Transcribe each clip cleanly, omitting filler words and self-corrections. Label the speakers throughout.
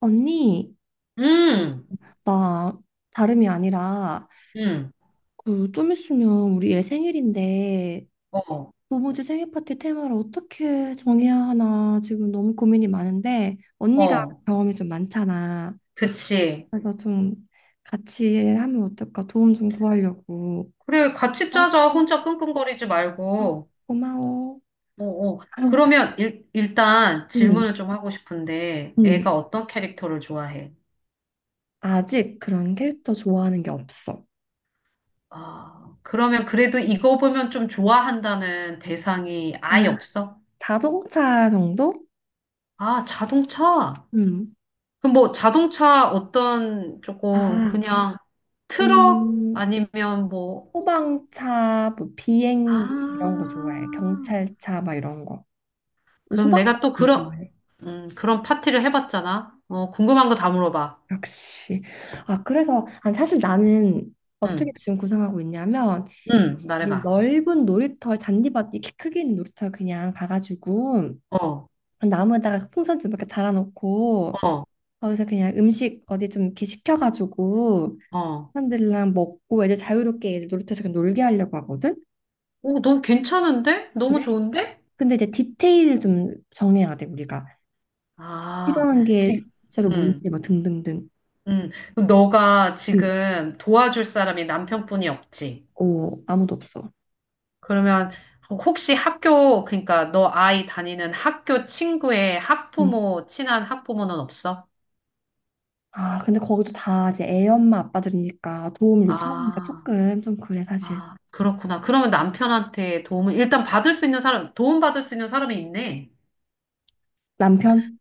Speaker 1: 언니,
Speaker 2: 음,
Speaker 1: 나 다름이 아니라
Speaker 2: 음,
Speaker 1: 그 좀 있으면 우리 애 생일인데
Speaker 2: 어,
Speaker 1: 도무지 생일 파티 테마를 어떻게 정해야 하나 지금 너무 고민이 많은데 언니가
Speaker 2: 어,
Speaker 1: 경험이 좀 많잖아.
Speaker 2: 그치.
Speaker 1: 그래서 좀 같이 하면 어떨까 도움 좀 구하려고.
Speaker 2: 그래, 같이 짜자.
Speaker 1: 알았어.
Speaker 2: 혼자 끙끙거리지
Speaker 1: 어,
Speaker 2: 말고.
Speaker 1: 고마워.
Speaker 2: 어, 어. 그러면 일단
Speaker 1: 응,
Speaker 2: 질문을 좀 하고 싶은데,
Speaker 1: 응.
Speaker 2: 애가 어떤 캐릭터를 좋아해?
Speaker 1: 아직 그런 캐릭터 좋아하는 게 없어.
Speaker 2: 아, 그러면 그래도 이거 보면 좀 좋아한다는 대상이
Speaker 1: 아,
Speaker 2: 아예 없어?
Speaker 1: 자동차 정도?
Speaker 2: 아, 자동차.
Speaker 1: 응.
Speaker 2: 그럼 뭐 자동차 어떤
Speaker 1: 아,
Speaker 2: 조금 그냥 트럭
Speaker 1: 음,
Speaker 2: 아니면 뭐,
Speaker 1: 소방차, 뭐 비행기 이런 거 좋아해.
Speaker 2: 아,
Speaker 1: 경찰차 막 이런 거.
Speaker 2: 그럼
Speaker 1: 소방차
Speaker 2: 내가 또
Speaker 1: 제일
Speaker 2: 그런,
Speaker 1: 좋아해.
Speaker 2: 그런 파티를 해봤잖아. 어, 궁금한 거 다 물어봐.
Speaker 1: 역시. 아, 그래서 아, 사실 나는 어떻게
Speaker 2: 응,
Speaker 1: 지금 구성하고 있냐면
Speaker 2: 응,
Speaker 1: 이
Speaker 2: 말해봐.
Speaker 1: 넓은 놀이터 잔디밭 이렇게 크게 있는 놀이터 그냥 가가지고
Speaker 2: 어,
Speaker 1: 나무에다가 풍선 좀 이렇게 달아놓고
Speaker 2: 어,
Speaker 1: 거기서 그냥 음식 어디 좀 이렇게 시켜가지고
Speaker 2: 어.
Speaker 1: 사람들이랑 먹고 애들 자유롭게 애들 놀이터에서 그냥 놀게 하려고 하거든.
Speaker 2: 오, 너무 괜찮은데? 너무
Speaker 1: 그래?
Speaker 2: 좋은데?
Speaker 1: 근데 이제 디테일을 좀 정해야 돼 우리가.
Speaker 2: 아,
Speaker 1: 필요한 게
Speaker 2: 지금,
Speaker 1: 실제로
Speaker 2: 음,
Speaker 1: 뭔지 막 등등등.
Speaker 2: 그럼 너가
Speaker 1: 응.
Speaker 2: 지금 도와줄 사람이 남편뿐이 없지.
Speaker 1: 어, 아무도 없어.
Speaker 2: 그러면 혹시 학교, 그러니까 너 아이 다니는 학교 친구의
Speaker 1: 응.
Speaker 2: 학부모, 친한 학부모는 없어?
Speaker 1: 아, 근데 거기도 다 이제 애 엄마 아빠들이니까 도움을 요청하니까
Speaker 2: 아.
Speaker 1: 조금 좀 그래 사실.
Speaker 2: 아, 그렇구나. 그러면 남편한테 도움을, 일단 받을 수 있는 사람, 도움받을 수 있는 사람이 있네.
Speaker 1: 남편?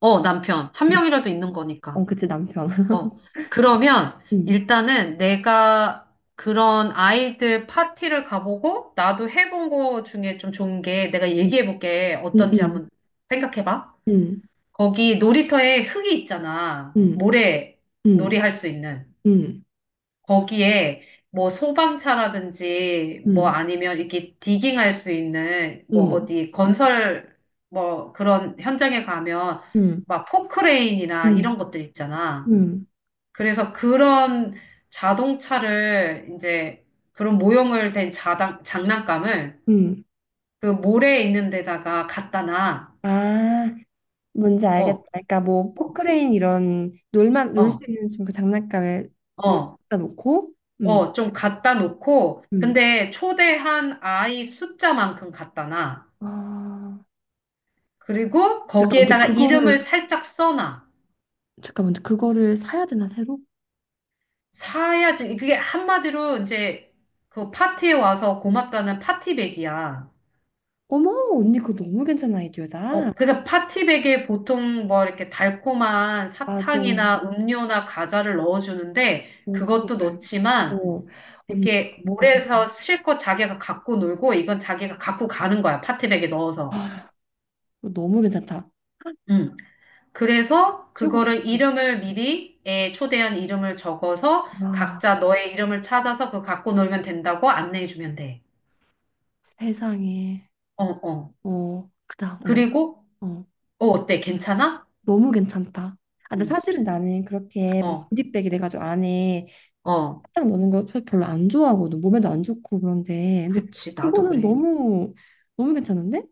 Speaker 2: 어, 남편. 한 명이라도 있는
Speaker 1: 어,
Speaker 2: 거니까.
Speaker 1: 그치 남편.
Speaker 2: 어. 그러면
Speaker 1: 응.
Speaker 2: 일단은 내가 그런 아이들 파티를 가보고 나도 해본 거 중에 좀 좋은 게 내가
Speaker 1: 응.
Speaker 2: 얘기해볼게. 어떤지
Speaker 1: 응.
Speaker 2: 한번 생각해봐.
Speaker 1: 응.
Speaker 2: 거기 놀이터에 흙이 있잖아.
Speaker 1: 응.
Speaker 2: 모래
Speaker 1: 응.
Speaker 2: 놀이 할 수 있는.
Speaker 1: 응.
Speaker 2: 거기에 뭐 소방차라든지 뭐
Speaker 1: 응.
Speaker 2: 아니면 이렇게 디깅할 수 있는 뭐
Speaker 1: 응.
Speaker 2: 어디 건설 뭐 그런 현장에 가면
Speaker 1: 응. 응.
Speaker 2: 막 포크레인이나
Speaker 1: 응.
Speaker 2: 이런 것들 있잖아.
Speaker 1: 응.
Speaker 2: 그래서 그런 자동차를 이제 그런 모형을 된 장난감을
Speaker 1: 응.
Speaker 2: 그 모래에 있는 데다가 갖다 놔.
Speaker 1: 아, 뭔지
Speaker 2: 어,
Speaker 1: 알겠다. 그러니까 뭐
Speaker 2: 어,
Speaker 1: 포크레인 이런 놀만 놀 수
Speaker 2: 어,
Speaker 1: 있는 좀 그 장난감을 뭐
Speaker 2: 어,
Speaker 1: 놓고 음.
Speaker 2: 어, 좀 갖다 놓고
Speaker 1: 음.
Speaker 2: 근데 초대한 아이 숫자만큼 갖다 놔.
Speaker 1: 아.
Speaker 2: 그리고
Speaker 1: 잠깐만, 근데
Speaker 2: 거기에다가
Speaker 1: 그거를
Speaker 2: 이름을 살짝 써놔.
Speaker 1: 잠깐만, 근데 그거를 사야 되나 새로?
Speaker 2: 사야지. 그게 한마디로 이제 그 파티에 와서 고맙다는 파티백이야.
Speaker 1: 어머, 언니 그거 너무 괜찮은 아이디어다.
Speaker 2: 어, 그래서 파티백에 보통 뭐 이렇게 달콤한
Speaker 1: 맞아. 어,
Speaker 2: 사탕이나 음료나 과자를 넣어주는데
Speaker 1: 그거
Speaker 2: 그것도
Speaker 1: 말고.
Speaker 2: 넣지만
Speaker 1: 어, 언니 그거
Speaker 2: 이렇게
Speaker 1: 너무
Speaker 2: 몰에서
Speaker 1: 괜찮다.
Speaker 2: 실컷 자기가 갖고 놀고 이건 자기가 갖고 가는 거야. 파티백에 넣어서.
Speaker 1: 아, 그거 너무 괜찮다.
Speaker 2: 응. 그래서
Speaker 1: 최고다,
Speaker 2: 그거를
Speaker 1: 최고.
Speaker 2: 이름을 미리 애 초대한 이름을 적어서
Speaker 1: 와,
Speaker 2: 각자 너의 이름을 찾아서 그거 갖고 놀면 된다고 안내해 주면 돼.
Speaker 1: 세상에.
Speaker 2: 어, 어.
Speaker 1: 어, 그다. 어,
Speaker 2: 그리고
Speaker 1: 어,
Speaker 2: 어, 어때? 괜찮아?
Speaker 1: 너무 괜찮다. 아, 근데
Speaker 2: 응.
Speaker 1: 사실은 나는 그렇게 뭐
Speaker 2: 어.
Speaker 1: 구디백 이래가지고 안에
Speaker 2: 어.
Speaker 1: 사탕 넣는 거 별로 안 좋아하거든. 몸에도 안 좋고 그런데. 근데
Speaker 2: 그치. 나도
Speaker 1: 그거는
Speaker 2: 그래.
Speaker 1: 너무 너무 괜찮은데?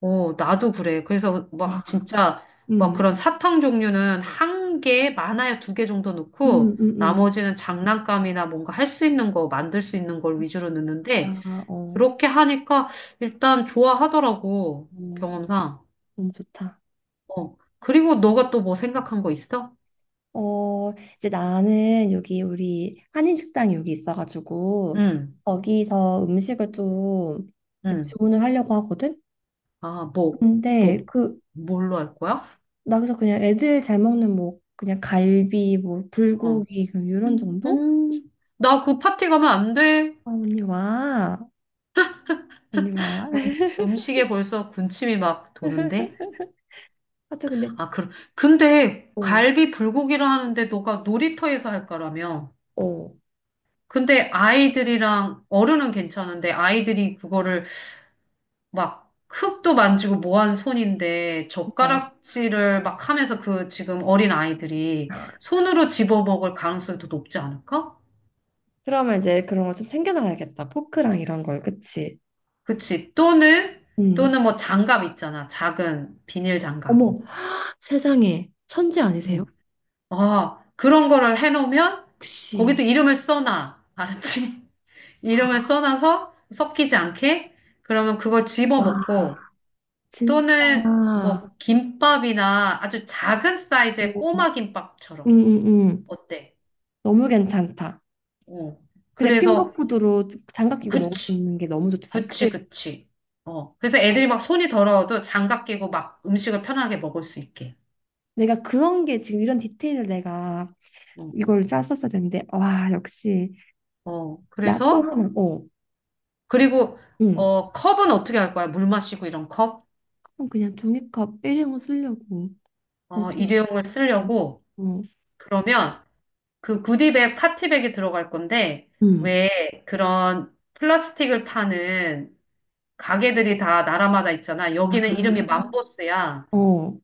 Speaker 2: 어, 나도 그래. 그래서
Speaker 1: 와.
Speaker 2: 막 진짜 막
Speaker 1: 응
Speaker 2: 그런 사탕 종류는 한 개, 많아야 두 개 정도
Speaker 1: 응
Speaker 2: 넣고
Speaker 1: 응응
Speaker 2: 나머지는 장난감이나 뭔가 할 수 있는 거, 만들 수 있는 걸 위주로 넣는데
Speaker 1: 아, 어,
Speaker 2: 그렇게 하니까 일단 좋아하더라고.
Speaker 1: 어,
Speaker 2: 경험상.
Speaker 1: 너무 좋다.
Speaker 2: 어. 그리고 너가 또 뭐 생각한 거 있어?
Speaker 1: 어, 이제 나는 여기 우리 한인식당 여기 있어가지고
Speaker 2: 응,
Speaker 1: 거기서 음식을 좀그
Speaker 2: 응.
Speaker 1: 주문을 하려고 하거든.
Speaker 2: 아, 뭐, 뭐,
Speaker 1: 근데 그
Speaker 2: 뭘로 할 거야?
Speaker 1: 나 그래서 그냥 애들 잘 먹는 뭐 그냥 갈비 뭐
Speaker 2: 어.
Speaker 1: 불고기 그냥 이런
Speaker 2: 음,
Speaker 1: 정도?
Speaker 2: 음, 나 그 파티 가면 안 돼.
Speaker 1: 아, 언니 와, 언니 와.
Speaker 2: 음, 음식에 벌써 군침이 막 도는데.
Speaker 1: 하여튼 근데
Speaker 2: 아, 그, 럼 근데
Speaker 1: 어,
Speaker 2: 갈비 불고기를 하는데 너가 놀이터에서 할 거라며.
Speaker 1: 어,
Speaker 2: 근데 아이들이랑 어른은 괜찮은데 아이들이 그거를 막 흙도 만지고 뭐 하는 손인데
Speaker 1: 그러니까
Speaker 2: 젓가락질을 막 하면서 그 지금 어린 아이들이 손으로 집어먹을 가능성이 더 높지 않을까?
Speaker 1: 그러면 이제 그런 거 좀 챙겨놔야겠다. 포크랑 이런 걸, 그치?
Speaker 2: 그치. 또는,
Speaker 1: 음.
Speaker 2: 또는 장갑 있잖아. 작은 비닐 장갑.
Speaker 1: 어머, 세상에 천재 아니세요?
Speaker 2: 음. 아, 그런 거를 해놓으면
Speaker 1: 혹시
Speaker 2: 거기도 이름을 써놔. 알았지?
Speaker 1: 아,
Speaker 2: 이름을 써놔서 섞이지 않게 그러면 그걸
Speaker 1: 와
Speaker 2: 집어먹고
Speaker 1: 진짜
Speaker 2: 또는 뭐 김밥이나 아주 작은 사이즈의
Speaker 1: 오,
Speaker 2: 꼬마
Speaker 1: 음,
Speaker 2: 김밥처럼.
Speaker 1: 음, 음.
Speaker 2: 어때?
Speaker 1: 너무 괜찮다.
Speaker 2: 어.
Speaker 1: 그래
Speaker 2: 그래서,
Speaker 1: 핑거푸드로 장갑 끼고 먹을 수
Speaker 2: 그치,
Speaker 1: 있는 게 너무 좋다.
Speaker 2: 그치,
Speaker 1: 근데
Speaker 2: 그치. 어. 그래서 애들이 막 손이 더러워도 장갑 끼고 막 음식을 편하게 먹을 수 있게.
Speaker 1: 내가 그런 게 지금 이런 디테일을 내가
Speaker 2: 어.
Speaker 1: 이걸 짰었어야 되는데 와 역시
Speaker 2: 어.
Speaker 1: 나 또
Speaker 2: 그래서,
Speaker 1: 하나 어,
Speaker 2: 그리고,
Speaker 1: 응.
Speaker 2: 어, 컵은 어떻게 할 거야? 물 마시고 이런 컵?
Speaker 1: 그럼 그냥 종이컵 일회용 쓰려고
Speaker 2: 어,
Speaker 1: 어쩔 수
Speaker 2: 일회용을
Speaker 1: 없어.
Speaker 2: 쓰려고.
Speaker 1: 어,
Speaker 2: 그러면 그 구디백, 파티백이 들어갈 건데,
Speaker 1: 응.
Speaker 2: 왜 그런 플라스틱을 파는 가게들이 다 나라마다 있잖아.
Speaker 1: 아,
Speaker 2: 여기는 이름이 맘보스야.
Speaker 1: 어,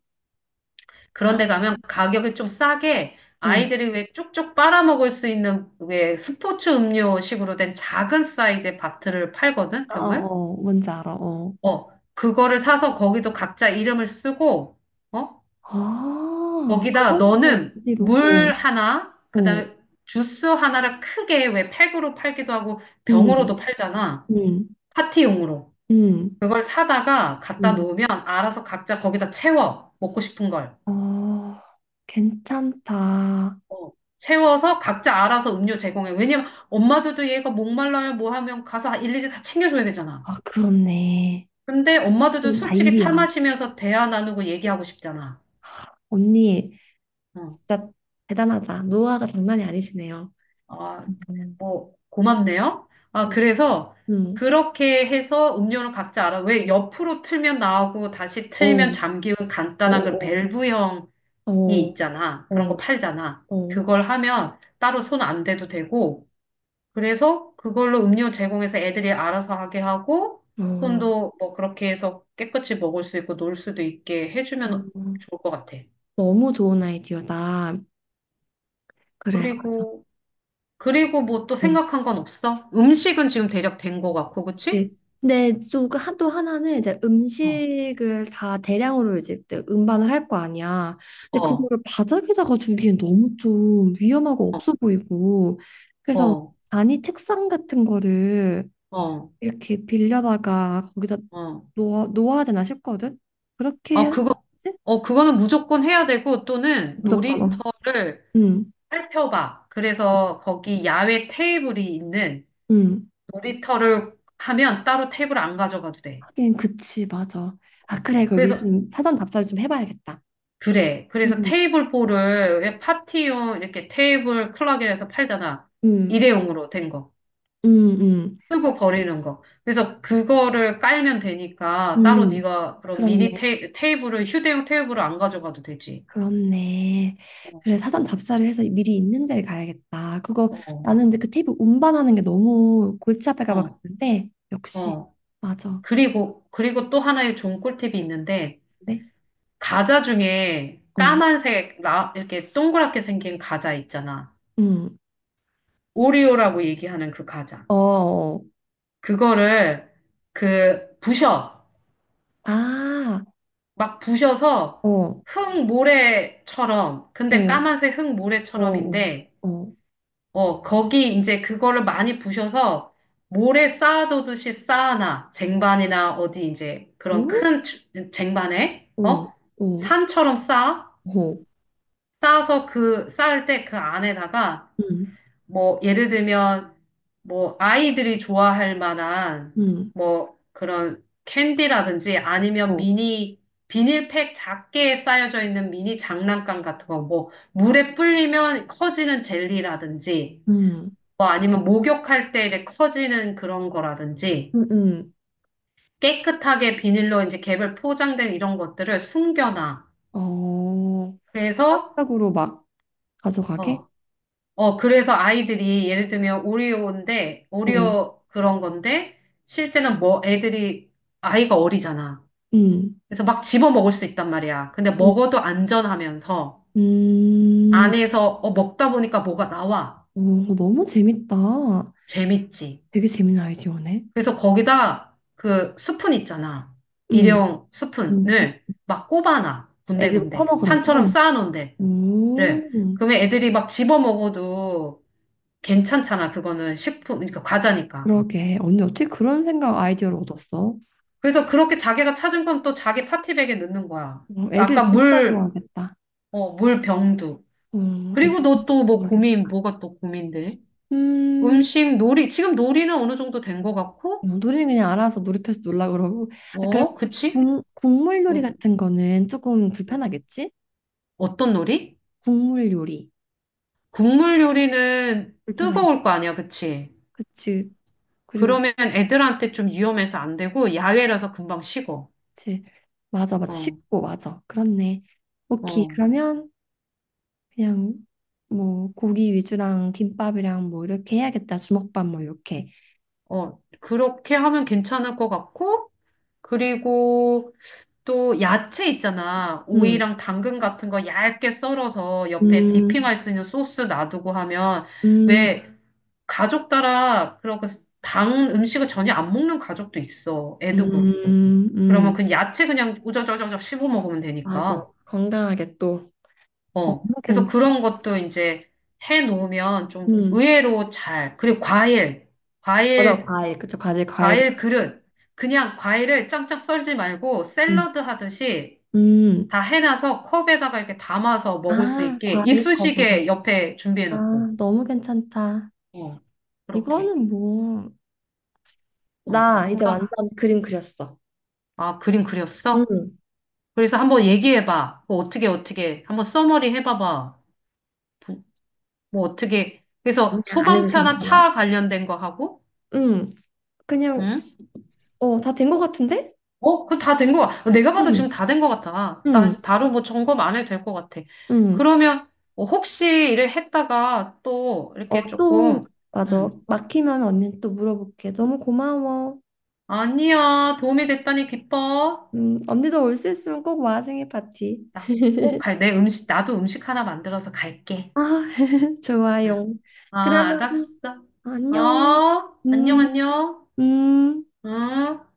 Speaker 1: 아,
Speaker 2: 그런데 가면 가격이 좀 싸게
Speaker 1: 어,
Speaker 2: 아이들이 왜 쭉쭉 빨아먹을 수 있는 왜 스포츠 음료식으로 된 작은 사이즈의 바트를 팔거든,
Speaker 1: 아,
Speaker 2: 병을.
Speaker 1: 어, 뭔지 알아. 어,
Speaker 2: 어, 그거를 사서 거기도 각자 이름을 쓰고, 어,
Speaker 1: 아,
Speaker 2: 거기다
Speaker 1: 그것도
Speaker 2: 너는
Speaker 1: 어디로?
Speaker 2: 물
Speaker 1: 어,
Speaker 2: 하나,
Speaker 1: 어.
Speaker 2: 그다음에 주스 하나를 크게 왜 팩으로 팔기도 하고
Speaker 1: 음,
Speaker 2: 병으로도 팔잖아.
Speaker 1: 음,
Speaker 2: 파티용으로.
Speaker 1: 음,
Speaker 2: 그걸 사다가 갖다
Speaker 1: 음.
Speaker 2: 놓으면 알아서 각자 거기다 채워. 먹고 싶은 걸.
Speaker 1: 어, 괜찮다.
Speaker 2: 어, 세워서 각자 알아서 음료 제공해. 왜냐면 엄마들도 얘가 목말라요 뭐 하면 가서 아, 일일이 다 챙겨줘야 되잖아.
Speaker 1: 아, 그렇네.
Speaker 2: 근데 엄마들도
Speaker 1: 오, 다
Speaker 2: 솔직히 차
Speaker 1: 일이야.
Speaker 2: 마시면서 대화 나누고 얘기하고 싶잖아.
Speaker 1: 언니,
Speaker 2: 어,
Speaker 1: 진짜 대단하다. 노하가 장난이 아니시네요.
Speaker 2: 아,
Speaker 1: 음,
Speaker 2: 뭐, 고맙네요. 아,
Speaker 1: 음,
Speaker 2: 그래서
Speaker 1: 음.
Speaker 2: 그렇게 해서 음료를 각자 알아. 왜 옆으로 틀면 나오고 다시 틀면
Speaker 1: 어,
Speaker 2: 잠기고
Speaker 1: 어,
Speaker 2: 간단한 그
Speaker 1: 어.
Speaker 2: 밸브형이
Speaker 1: 어,
Speaker 2: 있잖아. 그런 거
Speaker 1: 어,
Speaker 2: 팔잖아.
Speaker 1: 어,
Speaker 2: 그걸 하면 따로 손 안 대도 되고, 그래서 그걸로 음료 제공해서 애들이 알아서 하게 하고,
Speaker 1: 어.
Speaker 2: 손도 뭐 그렇게 해서 깨끗이 먹을 수 있고 놀 수도 있게 해주면
Speaker 1: 어.
Speaker 2: 좋을 것 같아.
Speaker 1: 너무 좋은 아이디어다. 그래, 맞아.
Speaker 2: 그리고, 그리고 뭐 또 생각한 건 없어? 음식은 지금 대략 된 것 같고, 그치?
Speaker 1: 그치. 근데 또또 하나는 이제
Speaker 2: 어,
Speaker 1: 음식을 다 대량으로 이제 또 음반을 할 거 아니야. 근데
Speaker 2: 어,
Speaker 1: 그거를 바닥에다가 두기엔 너무 좀 위험하고
Speaker 2: 어,
Speaker 1: 없어 보이고. 그래서
Speaker 2: 어,
Speaker 1: 아니 책상 같은 거를
Speaker 2: 어.
Speaker 1: 이렇게 빌려다가 거기다
Speaker 2: 어.
Speaker 1: 놓아야 되나 싶거든. 그렇게
Speaker 2: 아,
Speaker 1: 하지?
Speaker 2: 그거, 어, 그거는 무조건 해야 되고, 또는
Speaker 1: 무섭거나.
Speaker 2: 놀이터를
Speaker 1: 응,
Speaker 2: 살펴봐. 그래서 거기 야외 테이블이 있는
Speaker 1: 응.
Speaker 2: 놀이터를 하면 따로 테이블 안 가져가도 돼.
Speaker 1: 하긴 그치, 맞아. 아
Speaker 2: 어.
Speaker 1: 그래, 그걸 미리
Speaker 2: 그래서
Speaker 1: 좀 사전 답사를 좀 해봐야겠다.
Speaker 2: 그래. 그래서
Speaker 1: 응,
Speaker 2: 테이블 포를 왜 파티용 이렇게 테이블 클럭이라서 팔잖아.
Speaker 1: 응,
Speaker 2: 일회용으로 된 거.
Speaker 1: 응, 응,
Speaker 2: 쓰고 버리는 거. 그래서 그거를 깔면 되니까 따로
Speaker 1: 응.
Speaker 2: 네가 그런 미니
Speaker 1: 그렇네.
Speaker 2: 테이블을 휴대용 테이블을 안 가져가도 되지.
Speaker 1: 그렇네.
Speaker 2: 어,
Speaker 1: 그래, 사전 답사를 해서 미리 있는 데를 가야겠다. 그거
Speaker 2: 어,
Speaker 1: 나는 근데 그 테이프 운반하는 게 너무 골치 아플까 봐
Speaker 2: 어.
Speaker 1: 그랬는데 역시
Speaker 2: 어.
Speaker 1: 맞아.
Speaker 2: 그리고 또 하나의 좋은 꿀팁이 있는데
Speaker 1: 네.
Speaker 2: 과자 중에
Speaker 1: 어.
Speaker 2: 까만색 이렇게 동그랗게 생긴 과자 있잖아.
Speaker 1: 음.
Speaker 2: 오리오라고 얘기하는 그 과자.
Speaker 1: 어. 어.
Speaker 2: 그거를 그 부셔.
Speaker 1: 아.
Speaker 2: 막
Speaker 1: 어.
Speaker 2: 부셔서
Speaker 1: 어.
Speaker 2: 흙 모래처럼, 근데 까만색 흙
Speaker 1: 어. 어.
Speaker 2: 모래처럼인데,
Speaker 1: 어.
Speaker 2: 어, 거기 이제 그거를 많이 부셔서 모래 쌓아두듯이 쌓아놔. 쟁반이나 어디 이제 그런
Speaker 1: 음?
Speaker 2: 큰 쟁반에,
Speaker 1: 어.
Speaker 2: 어?
Speaker 1: 어.
Speaker 2: 산처럼 쌓아?
Speaker 1: 어.
Speaker 2: 쌓아서 그, 쌓을 때 그 안에다가
Speaker 1: 음.
Speaker 2: 뭐, 예를 들면, 뭐, 아이들이 좋아할 만한,
Speaker 1: 음.
Speaker 2: 뭐, 그런 캔디라든지 아니면
Speaker 1: 어.
Speaker 2: 미니, 비닐팩 작게 쌓여져 있는 미니 장난감 같은 거, 뭐, 물에 불리면 커지는 젤리라든지,
Speaker 1: 음.
Speaker 2: 뭐, 아니면 목욕할 때 이렇게 커지는 그런 거라든지,
Speaker 1: 음. 음.
Speaker 2: 깨끗하게 비닐로 이제 개별 포장된 이런 것들을 숨겨놔.
Speaker 1: 어.
Speaker 2: 그래서,
Speaker 1: 순간적으로 막 가져가게?
Speaker 2: 어, 어, 그래서 아이들이 예를 들면 오리오인데,
Speaker 1: 어.
Speaker 2: 오리오 그런 건데, 실제는 뭐 애들이, 아이가 어리잖아.
Speaker 1: 음.
Speaker 2: 그래서 막 집어 먹을 수 있단 말이야. 근데
Speaker 1: 음.
Speaker 2: 먹어도 안전하면서,
Speaker 1: 음.
Speaker 2: 안에서 어, 먹다 보니까 뭐가 나와.
Speaker 1: 오, 너무 재밌다.
Speaker 2: 재밌지.
Speaker 1: 되게 재밌는 아이디어네.
Speaker 2: 그래서 거기다 그 스푼 있잖아.
Speaker 1: 응,
Speaker 2: 일회용 스푼을
Speaker 1: 응.
Speaker 2: 막 꼽아놔.
Speaker 1: 애들
Speaker 2: 군데군데. 산처럼
Speaker 1: 퍼먹으라고.
Speaker 2: 쌓아놓은 데를.
Speaker 1: 오,
Speaker 2: 그러면 애들이 막 집어 먹어도 괜찮잖아. 그거는 식품, 그러니까 과자니까.
Speaker 1: 그러게. 언니 어떻게 그런 생각 아이디어를 얻었어?
Speaker 2: 그래서 그렇게 자기가 찾은 건 또 자기 파티백에 넣는 거야.
Speaker 1: 어, 애들
Speaker 2: 아까
Speaker 1: 진짜
Speaker 2: 물,
Speaker 1: 좋아하겠다.
Speaker 2: 어, 물 병도.
Speaker 1: 어, 애들
Speaker 2: 그리고 너
Speaker 1: 진짜
Speaker 2: 또
Speaker 1: 좋아하겠다.
Speaker 2: 뭐가 또 고민돼?
Speaker 1: 음,
Speaker 2: 음식, 놀이. 지금 놀이는 어느 정도 된 것
Speaker 1: 어,
Speaker 2: 같고,
Speaker 1: 놀이는 그냥 알아서 놀이터에서 놀라 그러고. 아, 그럼
Speaker 2: 어, 그치?
Speaker 1: 국물 요리
Speaker 2: 어,
Speaker 1: 같은 거는 조금 불편하겠지?
Speaker 2: 어떤 놀이?
Speaker 1: 국물 요리
Speaker 2: 국물 요리는
Speaker 1: 불편하겠지?
Speaker 2: 뜨거울 거 아니야, 그치?
Speaker 1: 그치. 그리고
Speaker 2: 그러면 애들한테 좀 위험해서 안 되고, 야외라서 금방 식어.
Speaker 1: 그치. 맞아, 맞아.
Speaker 2: 어,
Speaker 1: 식고 맞아. 그렇네. 오케이.
Speaker 2: 어,
Speaker 1: 그러면 그냥 뭐 고기 위주랑 김밥이랑 뭐 이렇게 해야겠다. 주먹밥 뭐 이렇게.
Speaker 2: 어. 그렇게 하면 괜찮을 것 같고, 그리고, 또 야채 있잖아.
Speaker 1: 음,
Speaker 2: 오이랑 당근 같은 거 얇게 썰어서 옆에
Speaker 1: 음,
Speaker 2: 디핑할 수 있는 소스 놔두고 하면
Speaker 1: 음,
Speaker 2: 왜 가족 따라 그렇게 당 음식을 전혀 안 먹는 가족도 있어. 애도 그렇고.
Speaker 1: 음,
Speaker 2: 그러면
Speaker 1: 음.
Speaker 2: 그 야채 그냥 우저저저저 씹어 먹으면
Speaker 1: 맞아.
Speaker 2: 되니까.
Speaker 1: 건강하게 또. 너무
Speaker 2: 어. 그래서
Speaker 1: 괜찮.
Speaker 2: 그런 것도 이제 해 놓으면 좀
Speaker 1: 음,
Speaker 2: 의외로 잘. 그리고 과일.
Speaker 1: 맞아,
Speaker 2: 과일,
Speaker 1: 과일. 그쵸, 과일, 과일.
Speaker 2: 과일 그릇. 그냥 과일을 짱짱 썰지 말고
Speaker 1: 음.
Speaker 2: 샐러드 하듯이
Speaker 1: 음.
Speaker 2: 다 해놔서 컵에다가 이렇게 담아서 먹을 수
Speaker 1: 아,
Speaker 2: 있게
Speaker 1: 과일컵으로.
Speaker 2: 이쑤시개 옆에 준비해놓고,
Speaker 1: 아, 너무 괜찮다.
Speaker 2: 어, 그렇게.
Speaker 1: 이거는 뭐,
Speaker 2: 어,
Speaker 1: 나
Speaker 2: 그럼,
Speaker 1: 이제 완전 그림 그렸어.
Speaker 2: 아, 그림 그렸어?
Speaker 1: 음.
Speaker 2: 그래서 한번 얘기해봐. 뭐 어떻게, 어떻게. 한번 써머리 해봐봐. 부- 뭐 어떻게. 그래서
Speaker 1: 아니야, 안 해도
Speaker 2: 소방차나
Speaker 1: 괜찮아.
Speaker 2: 차 관련된 거 하고,
Speaker 1: 음, 그냥,
Speaker 2: 응?
Speaker 1: 어, 다 된 것 같은데?
Speaker 2: 어, 그 다 된 거, 아 내가 봐도
Speaker 1: 음.
Speaker 2: 지금 다 된 거 같아. 나,
Speaker 1: 음,
Speaker 2: 다른 뭐 점검 안 해도 될 거 같아.
Speaker 1: 음.
Speaker 2: 그러면, 어, 혹시 일을 했다가 또 이렇게
Speaker 1: 어,
Speaker 2: 조금,
Speaker 1: 또, 맞아.
Speaker 2: 음,
Speaker 1: 막히면 언니는 또 물어볼게. 너무 고마워.
Speaker 2: 아니야, 도움이 됐다니 기뻐.
Speaker 1: 언니도 올 수 있으면 꼭 와, 생일 파티.
Speaker 2: 나 꼭 갈, 내 음식, 나도 음식 하나 만들어서 갈게.
Speaker 1: 아,
Speaker 2: 응.
Speaker 1: 좋아요.
Speaker 2: 아,
Speaker 1: 그러면,
Speaker 2: 알았어.
Speaker 1: 안녕.
Speaker 2: 어, 안녕,
Speaker 1: 음,
Speaker 2: 안녕.
Speaker 1: 음.
Speaker 2: 응.